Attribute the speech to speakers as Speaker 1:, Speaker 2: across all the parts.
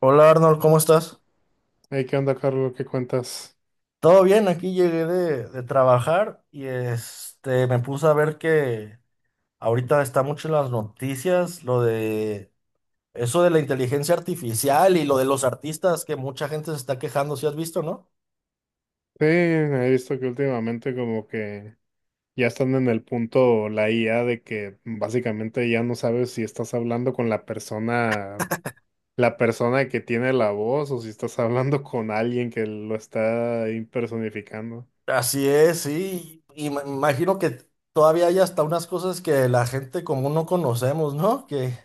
Speaker 1: Hola Arnold, ¿cómo estás?
Speaker 2: Hey, ¿qué onda, Carlos? ¿Qué cuentas?
Speaker 1: Todo bien, aquí llegué de trabajar y me puse a ver que ahorita está mucho en las noticias lo de eso de la inteligencia artificial y lo de los artistas que mucha gente se está quejando, si has visto, ¿no?
Speaker 2: Sí, he visto que últimamente como que ya están en el punto la IA de que básicamente ya no sabes si estás hablando con la persona que tiene la voz, o si estás hablando con alguien que lo está impersonificando.
Speaker 1: Así es, sí. Y me imagino que todavía hay hasta unas cosas que la gente común no conocemos, ¿no? Que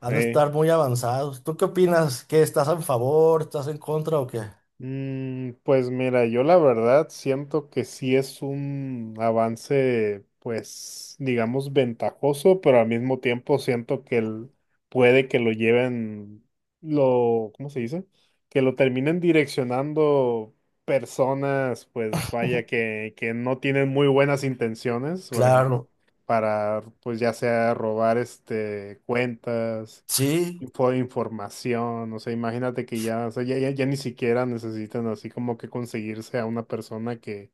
Speaker 1: han de
Speaker 2: Sí.
Speaker 1: estar muy avanzados. ¿Tú qué opinas? ¿Qué estás a favor? ¿Estás en contra o qué?
Speaker 2: Pues mira, yo la verdad siento que sí es un avance, pues digamos ventajoso, pero al mismo tiempo siento que puede que lo lleven, lo, ¿cómo se dice? Que lo terminen direccionando personas, pues vaya, que no tienen muy buenas intenciones. Por ejemplo,
Speaker 1: Claro,
Speaker 2: para, pues ya sea robar cuentas,
Speaker 1: sí.
Speaker 2: información. O sea, imagínate que ya, o sea, ya ni siquiera necesitan así como que conseguirse a una persona que,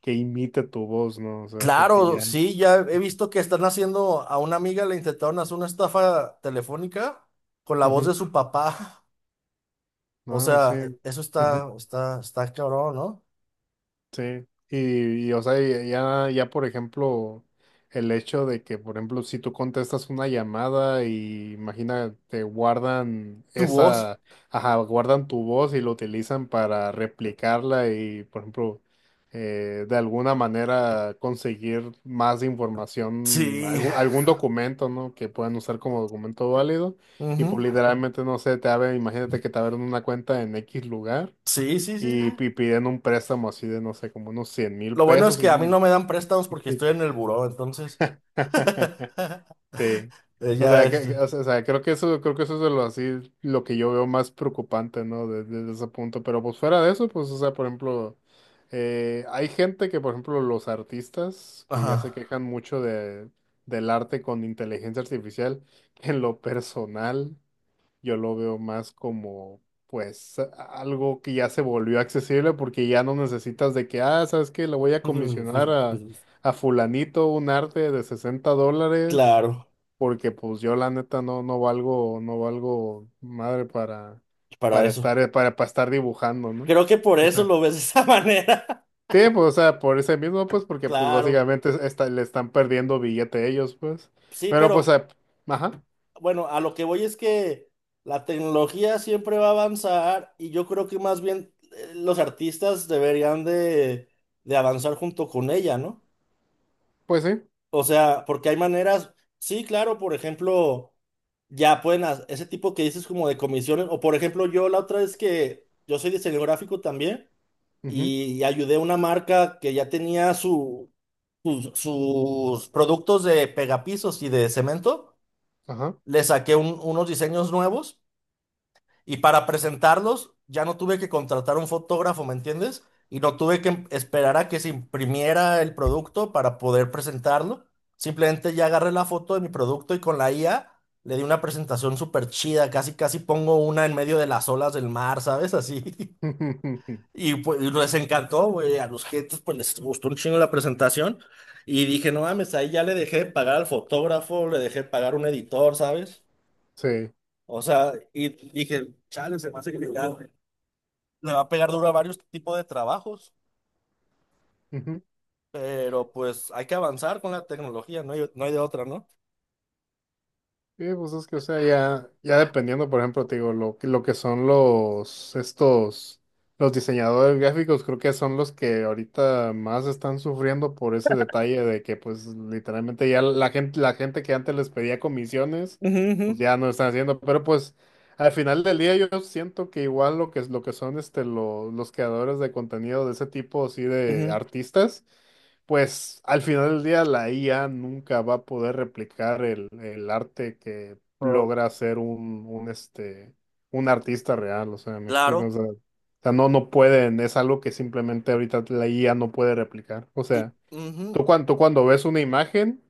Speaker 2: que imite tu voz, ¿no? O sea, porque
Speaker 1: Claro,
Speaker 2: ya,
Speaker 1: sí, ya he visto que están haciendo, a una amiga le intentaron hacer una estafa telefónica con la voz
Speaker 2: ujú,
Speaker 1: de su papá. O
Speaker 2: no, sí,
Speaker 1: sea, eso
Speaker 2: ujú.
Speaker 1: está cabrón, ¿no?
Speaker 2: Sí, o sea, ya por ejemplo, el hecho de que, por ejemplo, si tú contestas una llamada y imagina, te guardan
Speaker 1: Tu voz.
Speaker 2: esa, ajá, guardan tu voz y lo utilizan para replicarla. Y, por ejemplo, de alguna manera conseguir más información,
Speaker 1: Sí.
Speaker 2: algún documento, ¿no? Que puedan usar como documento válido, y
Speaker 1: Ujú.
Speaker 2: pues literalmente, no sé, te abren, imagínate que te abren una cuenta en X lugar.
Speaker 1: Sí, sí, sí,
Speaker 2: Y,
Speaker 1: sí.
Speaker 2: piden un préstamo así de, no sé, como unos 100 mil
Speaker 1: Lo bueno es
Speaker 2: pesos
Speaker 1: que a mí no me dan préstamos porque
Speaker 2: y-
Speaker 1: estoy en el buró, entonces.
Speaker 2: Sí. O
Speaker 1: Ya
Speaker 2: sea,
Speaker 1: es.
Speaker 2: o sea, creo que eso es de lo así, lo que yo veo más preocupante, ¿no? Desde ese punto. Pero pues fuera de eso, pues, o sea, por ejemplo, hay gente que, por ejemplo, los artistas que
Speaker 1: Ajá.
Speaker 2: ya se quejan mucho de, del arte con inteligencia artificial, que en lo personal, yo lo veo más como, pues, algo que ya se volvió accesible, porque ya no necesitas de que, ah, ¿sabes qué? Le voy a comisionar a fulanito un arte de $60,
Speaker 1: Claro,
Speaker 2: porque, pues, yo la neta no, no valgo madre para,
Speaker 1: para
Speaker 2: estar,
Speaker 1: eso.
Speaker 2: para estar dibujando, ¿no?
Speaker 1: Creo que por eso
Speaker 2: Exacto.
Speaker 1: lo ves de esa manera.
Speaker 2: Sí, pues, o sea, por ese mismo, pues, porque, pues,
Speaker 1: Claro.
Speaker 2: básicamente le están perdiendo billete ellos, pues.
Speaker 1: Sí,
Speaker 2: Pero, pues,
Speaker 1: pero
Speaker 2: ajá,
Speaker 1: bueno, a lo que voy es que la tecnología siempre va a avanzar y yo creo que más bien los artistas deberían de avanzar junto con ella, ¿no?
Speaker 2: pues sí.
Speaker 1: O sea, porque hay maneras, sí, claro, por ejemplo, ya pueden, ese tipo que dices como de comisiones, o por ejemplo, yo la otra vez que yo soy diseñador gráfico también
Speaker 2: Ujú,
Speaker 1: y ayudé a una marca que ya tenía sus productos de pegapisos y de cemento,
Speaker 2: ajá.
Speaker 1: le saqué unos diseños nuevos. Y para presentarlos, ya no tuve que contratar un fotógrafo, ¿me entiendes? Y no tuve que esperar a que se imprimiera el producto para poder presentarlo. Simplemente ya agarré la foto de mi producto y con la IA le di una presentación súper chida. Casi, casi pongo una en medio de las olas del mar, ¿sabes? Así. Y pues y les encantó, güey. A los clientes pues les gustó un chingo la presentación. Y dije, no mames, ahí ya le dejé de pagar al fotógrafo, le dejé de pagar a un editor, ¿sabes?
Speaker 2: Sí.
Speaker 1: O sea, y dije, chale, se me hace que me gane" le va a pegar duro a varios tipos de trabajos,
Speaker 2: Ujú.
Speaker 1: pero pues hay que avanzar con la tecnología, no hay, no hay de otra, ¿no?
Speaker 2: Sí, pues es que, o sea, ya dependiendo, por ejemplo, te digo, lo que son los, los diseñadores gráficos. Creo que son los que ahorita más están sufriendo por ese detalle, de que, pues, literalmente ya la gente que antes les pedía comisiones,
Speaker 1: Ujú,
Speaker 2: pues ya no lo están haciendo. Pero pues, al final del día, yo siento que igual lo que son, los creadores de contenido de ese tipo, así de
Speaker 1: ujú.
Speaker 2: artistas, pues al final del día la IA nunca va a poder replicar el arte que
Speaker 1: Oh.
Speaker 2: logra hacer un artista real. O sea, me explico, o
Speaker 1: Claro,
Speaker 2: sea, no, no pueden. Es algo que simplemente ahorita la IA no puede replicar. O
Speaker 1: y
Speaker 2: sea,
Speaker 1: ujú,
Speaker 2: tú cuando ves una imagen,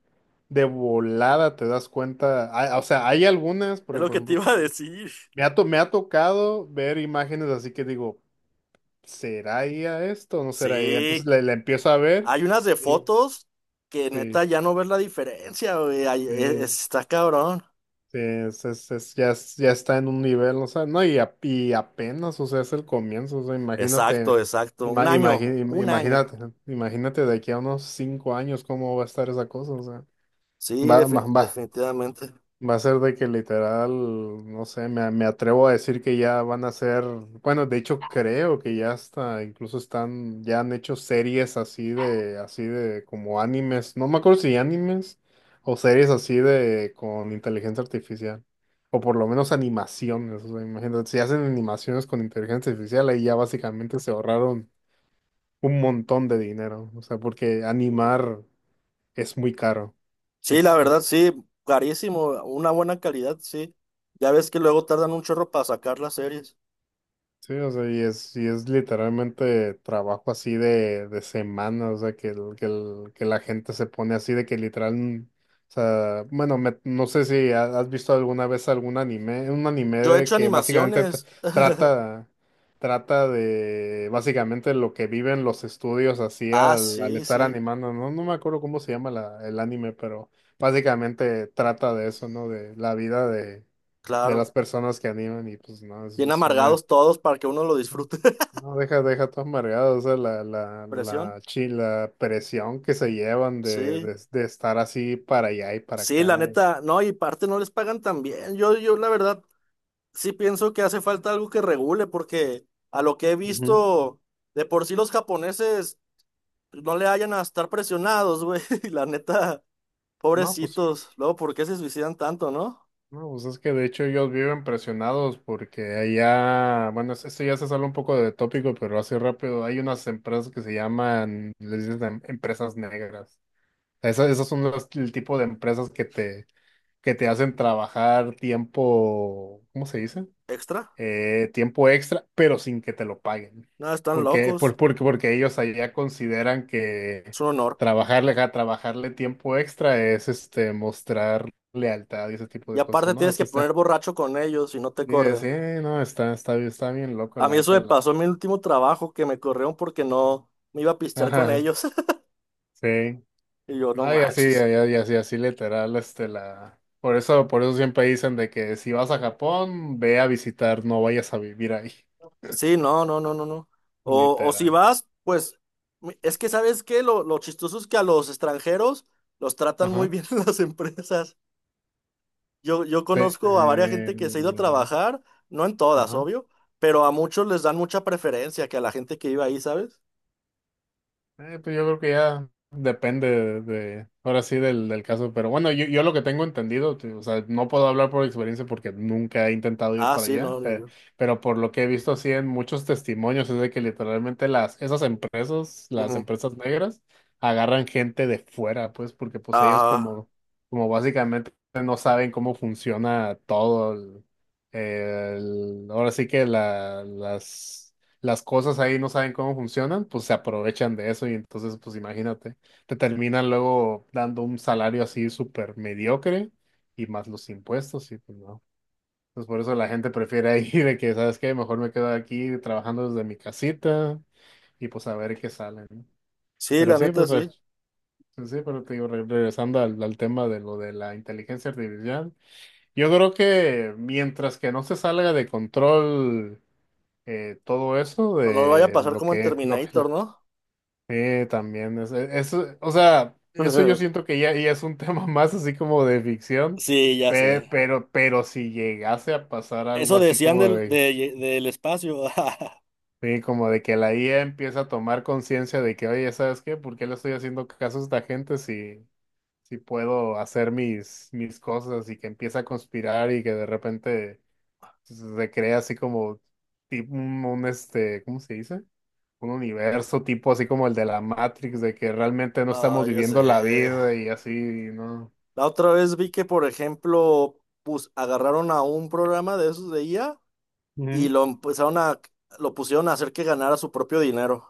Speaker 2: de volada te das cuenta, ah, o sea, hay algunas,
Speaker 1: es
Speaker 2: porque
Speaker 1: lo
Speaker 2: por
Speaker 1: que te
Speaker 2: ejemplo,
Speaker 1: iba a decir.
Speaker 2: me ha tocado ver imágenes así que digo, ¿será IA esto o no será IA? Entonces
Speaker 1: Sí,
Speaker 2: la empiezo a ver.
Speaker 1: hay unas de
Speaker 2: y-
Speaker 1: fotos que
Speaker 2: Sí,
Speaker 1: neta ya no ves la diferencia, güey. Ay,
Speaker 2: sí,
Speaker 1: está cabrón.
Speaker 2: sí, es, ya, ya está en un nivel, o sea, no. Y, y apenas, o sea, es el comienzo. O sea, imagínate,
Speaker 1: Exacto, exacto. Un
Speaker 2: ima-
Speaker 1: año,
Speaker 2: imagi- im-
Speaker 1: un año.
Speaker 2: imagínate, imagínate de aquí a unos 5 años cómo va a estar esa cosa. O sea,
Speaker 1: Sí,
Speaker 2: va, va, va.
Speaker 1: definitivamente.
Speaker 2: Va a ser de que literal, no sé, me atrevo a decir que ya van a ser, bueno, de hecho creo que ya hasta incluso están, ya han hecho series así de como animes. No me acuerdo si animes o series así de con inteligencia artificial, o por lo menos animaciones. O sea, imagínate, si hacen animaciones con inteligencia artificial, ahí ya básicamente se ahorraron un montón de dinero. O sea, porque animar es muy caro.
Speaker 1: Sí, la verdad,
Speaker 2: Es
Speaker 1: sí, carísimo. Una buena calidad, sí. Ya ves que luego tardan un chorro para sacar las series.
Speaker 2: Sí. O sea, y es literalmente trabajo así de semana. O sea, que la gente se pone así de que literal, o sea, bueno, no sé si has visto alguna vez algún anime, un anime
Speaker 1: Yo he
Speaker 2: de
Speaker 1: hecho
Speaker 2: que básicamente
Speaker 1: animaciones.
Speaker 2: trata, trata de básicamente lo que viven los estudios así
Speaker 1: Ah,
Speaker 2: al
Speaker 1: sí,
Speaker 2: estar
Speaker 1: sí,
Speaker 2: animando. No, no me acuerdo cómo se llama el anime, pero básicamente trata de eso, ¿no? De la vida de las
Speaker 1: claro.
Speaker 2: personas que animan. Y pues no,
Speaker 1: Bien
Speaker 2: es una...
Speaker 1: amargados todos para que uno lo disfrute.
Speaker 2: No, deja, deja todo amargado. O sea,
Speaker 1: Presión.
Speaker 2: la presión que se llevan de,
Speaker 1: Sí,
Speaker 2: de estar así para allá y para
Speaker 1: sí, la
Speaker 2: acá.
Speaker 1: neta, no, y parte no les pagan tan bien. Yo la verdad, sí pienso que hace falta algo que regule, porque a lo que he
Speaker 2: Ujú.
Speaker 1: visto, de por sí los japoneses no le hayan a estar presionados, güey. Y la neta,
Speaker 2: No, pues,
Speaker 1: pobrecitos. Luego, ¿por qué se suicidan tanto, no?
Speaker 2: no, pues es que de hecho ellos viven presionados, porque allá, bueno, esto ya se sale un poco de tópico, pero así rápido, hay unas empresas que se llaman, les dicen empresas negras. Esas, esas son el tipo de empresas que te hacen trabajar tiempo, ¿cómo se dice?
Speaker 1: Extra.
Speaker 2: Tiempo extra, pero sin que te lo paguen.
Speaker 1: Nada, están
Speaker 2: Porque,
Speaker 1: locos.
Speaker 2: porque ellos allá consideran que
Speaker 1: Es un honor.
Speaker 2: trabajarle, trabajarle tiempo extra es este mostrar lealtad y ese tipo
Speaker 1: Y
Speaker 2: de cosas,
Speaker 1: aparte
Speaker 2: ¿no?
Speaker 1: tienes
Speaker 2: Eso
Speaker 1: que
Speaker 2: está,
Speaker 1: poner borracho con ellos y no te
Speaker 2: y, sí,
Speaker 1: corren.
Speaker 2: no, está, está bien loco,
Speaker 1: A mí
Speaker 2: la
Speaker 1: eso
Speaker 2: neta,
Speaker 1: me
Speaker 2: la.
Speaker 1: pasó en mi último trabajo, que me corrieron porque no me iba a pistear con
Speaker 2: Ajá,
Speaker 1: ellos.
Speaker 2: sí.
Speaker 1: Y yo, no
Speaker 2: No,
Speaker 1: manches.
Speaker 2: y así así literal, este, la. Por eso siempre dicen de que, si vas a Japón, ve a visitar, no vayas a vivir ahí.
Speaker 1: Sí, no, no, no, no, no. O si
Speaker 2: Literal.
Speaker 1: vas, pues, es que ¿sabes qué? Lo chistoso es que a los extranjeros los tratan muy
Speaker 2: Ajá.
Speaker 1: bien en las empresas. Yo
Speaker 2: Sí.
Speaker 1: conozco a varias gente que se ha ido a trabajar, no en todas,
Speaker 2: Ajá.
Speaker 1: obvio, pero a muchos les dan mucha preferencia que a la gente que iba ahí, ¿sabes?
Speaker 2: Pues yo creo que ya depende de, ahora sí del, del caso. Pero bueno, yo lo que tengo entendido, o sea, no puedo hablar por experiencia porque nunca he intentado ir
Speaker 1: Ah,
Speaker 2: para
Speaker 1: sí,
Speaker 2: allá,
Speaker 1: no, ni yo.
Speaker 2: pero, por lo que he visto así en muchos testimonios, es de que literalmente las, esas empresas, las
Speaker 1: Ujú.
Speaker 2: empresas negras, agarran gente de fuera, pues, porque pues ellos
Speaker 1: Ah,
Speaker 2: como, como básicamente no saben cómo funciona todo ahora sí que la, las cosas ahí, no saben cómo funcionan, pues se aprovechan de eso. Y entonces, pues imagínate, te terminan luego dando un salario así súper mediocre, y más los impuestos, y pues no. Entonces por eso la gente prefiere ahí de que, ¿sabes qué? Mejor me quedo aquí trabajando desde mi casita, y pues a ver qué sale, ¿no?
Speaker 1: sí,
Speaker 2: Pero
Speaker 1: la
Speaker 2: sí,
Speaker 1: neta,
Speaker 2: pues
Speaker 1: sí.
Speaker 2: pues, sí, pero te digo, regresando al tema de lo de la inteligencia artificial, yo creo que mientras que no se salga de control, todo eso
Speaker 1: No, no lo vaya a
Speaker 2: de
Speaker 1: pasar
Speaker 2: lo
Speaker 1: como en
Speaker 2: que lo, que
Speaker 1: Terminator,
Speaker 2: lo-
Speaker 1: ¿no?
Speaker 2: Sí, también. Eso, o sea, eso yo siento que ya, ya es un tema más así como de ficción.
Speaker 1: Sí, ya sé.
Speaker 2: Pero, si llegase a pasar algo
Speaker 1: Eso
Speaker 2: así
Speaker 1: decían
Speaker 2: como
Speaker 1: del,
Speaker 2: de,
Speaker 1: del espacio.
Speaker 2: sí, como de que la IA empieza a tomar conciencia de que, oye, ¿sabes qué? ¿Por qué le estoy haciendo caso a esta gente, si, si puedo hacer mis cosas? Y que empieza a conspirar, y que de repente recrea así como tipo ¿cómo se dice? Un universo tipo así como el de la Matrix, de que realmente no
Speaker 1: Ah,
Speaker 2: estamos
Speaker 1: ya sé.
Speaker 2: viviendo la vida y así, ¿no?
Speaker 1: La otra vez vi que, por ejemplo, agarraron a un programa de esos de IA y
Speaker 2: Ujú.
Speaker 1: lo empezaron a, lo pusieron a hacer que ganara su propio dinero.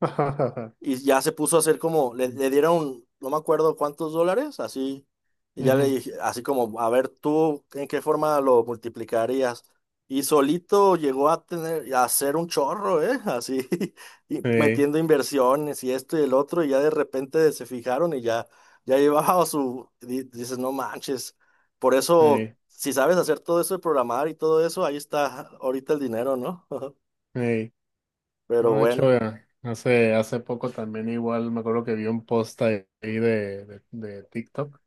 Speaker 1: Y ya se puso a hacer como, le dieron, no me acuerdo cuántos dólares, así, y ya le
Speaker 2: Ujú.
Speaker 1: dije, así como, a ver tú, ¿en qué forma lo multiplicarías? Y solito llegó a tener, a hacer un chorro, ¿eh? Así, y
Speaker 2: Ey,
Speaker 1: metiendo inversiones y esto y el otro, y ya de repente se fijaron y ya, ya llevaba su, dices, no manches. Por eso,
Speaker 2: ey,
Speaker 1: si sabes hacer todo eso de programar y todo eso, ahí está ahorita el dinero, ¿no?
Speaker 2: ey.
Speaker 1: Pero
Speaker 2: No, de hecho,
Speaker 1: bueno.
Speaker 2: hace poco también igual me acuerdo que vi un post ahí de, TikTok,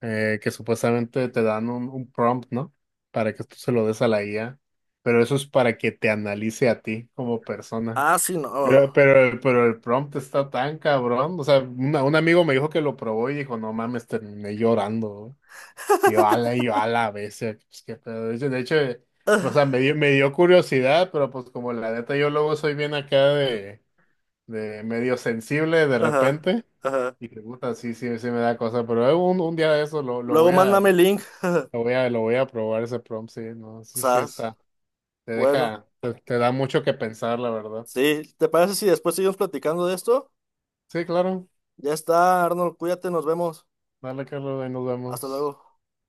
Speaker 2: que supuestamente te dan un prompt, ¿no? Para que tú se lo des a la IA, pero eso es para que te analice a ti como persona.
Speaker 1: Ah, sí, no.
Speaker 2: Pero el prompt está tan cabrón. O sea, un amigo me dijo que lo probó y dijo, no mames, terminé llorando. Y yo, ala, a veces. Pues, qué pedo. De hecho, o sea, me dio curiosidad, pero pues como la neta yo luego soy bien acá de, medio sensible de
Speaker 1: Ajá,
Speaker 2: repente.
Speaker 1: ajá.
Speaker 2: Y que puta, sí, sí, sí me da cosa. Pero un día de eso
Speaker 1: Luego mándame el link,
Speaker 2: lo voy a probar ese prompt. Sí, no, sí, sí
Speaker 1: sas.
Speaker 2: está. Te
Speaker 1: Bueno,
Speaker 2: deja, te da mucho que pensar, la verdad.
Speaker 1: sí, ¿te parece si después seguimos platicando de esto?
Speaker 2: Sí, claro.
Speaker 1: Ya está, Arnold, cuídate, nos vemos.
Speaker 2: Dale, Carlos, ahí nos
Speaker 1: Hasta
Speaker 2: vemos.
Speaker 1: luego.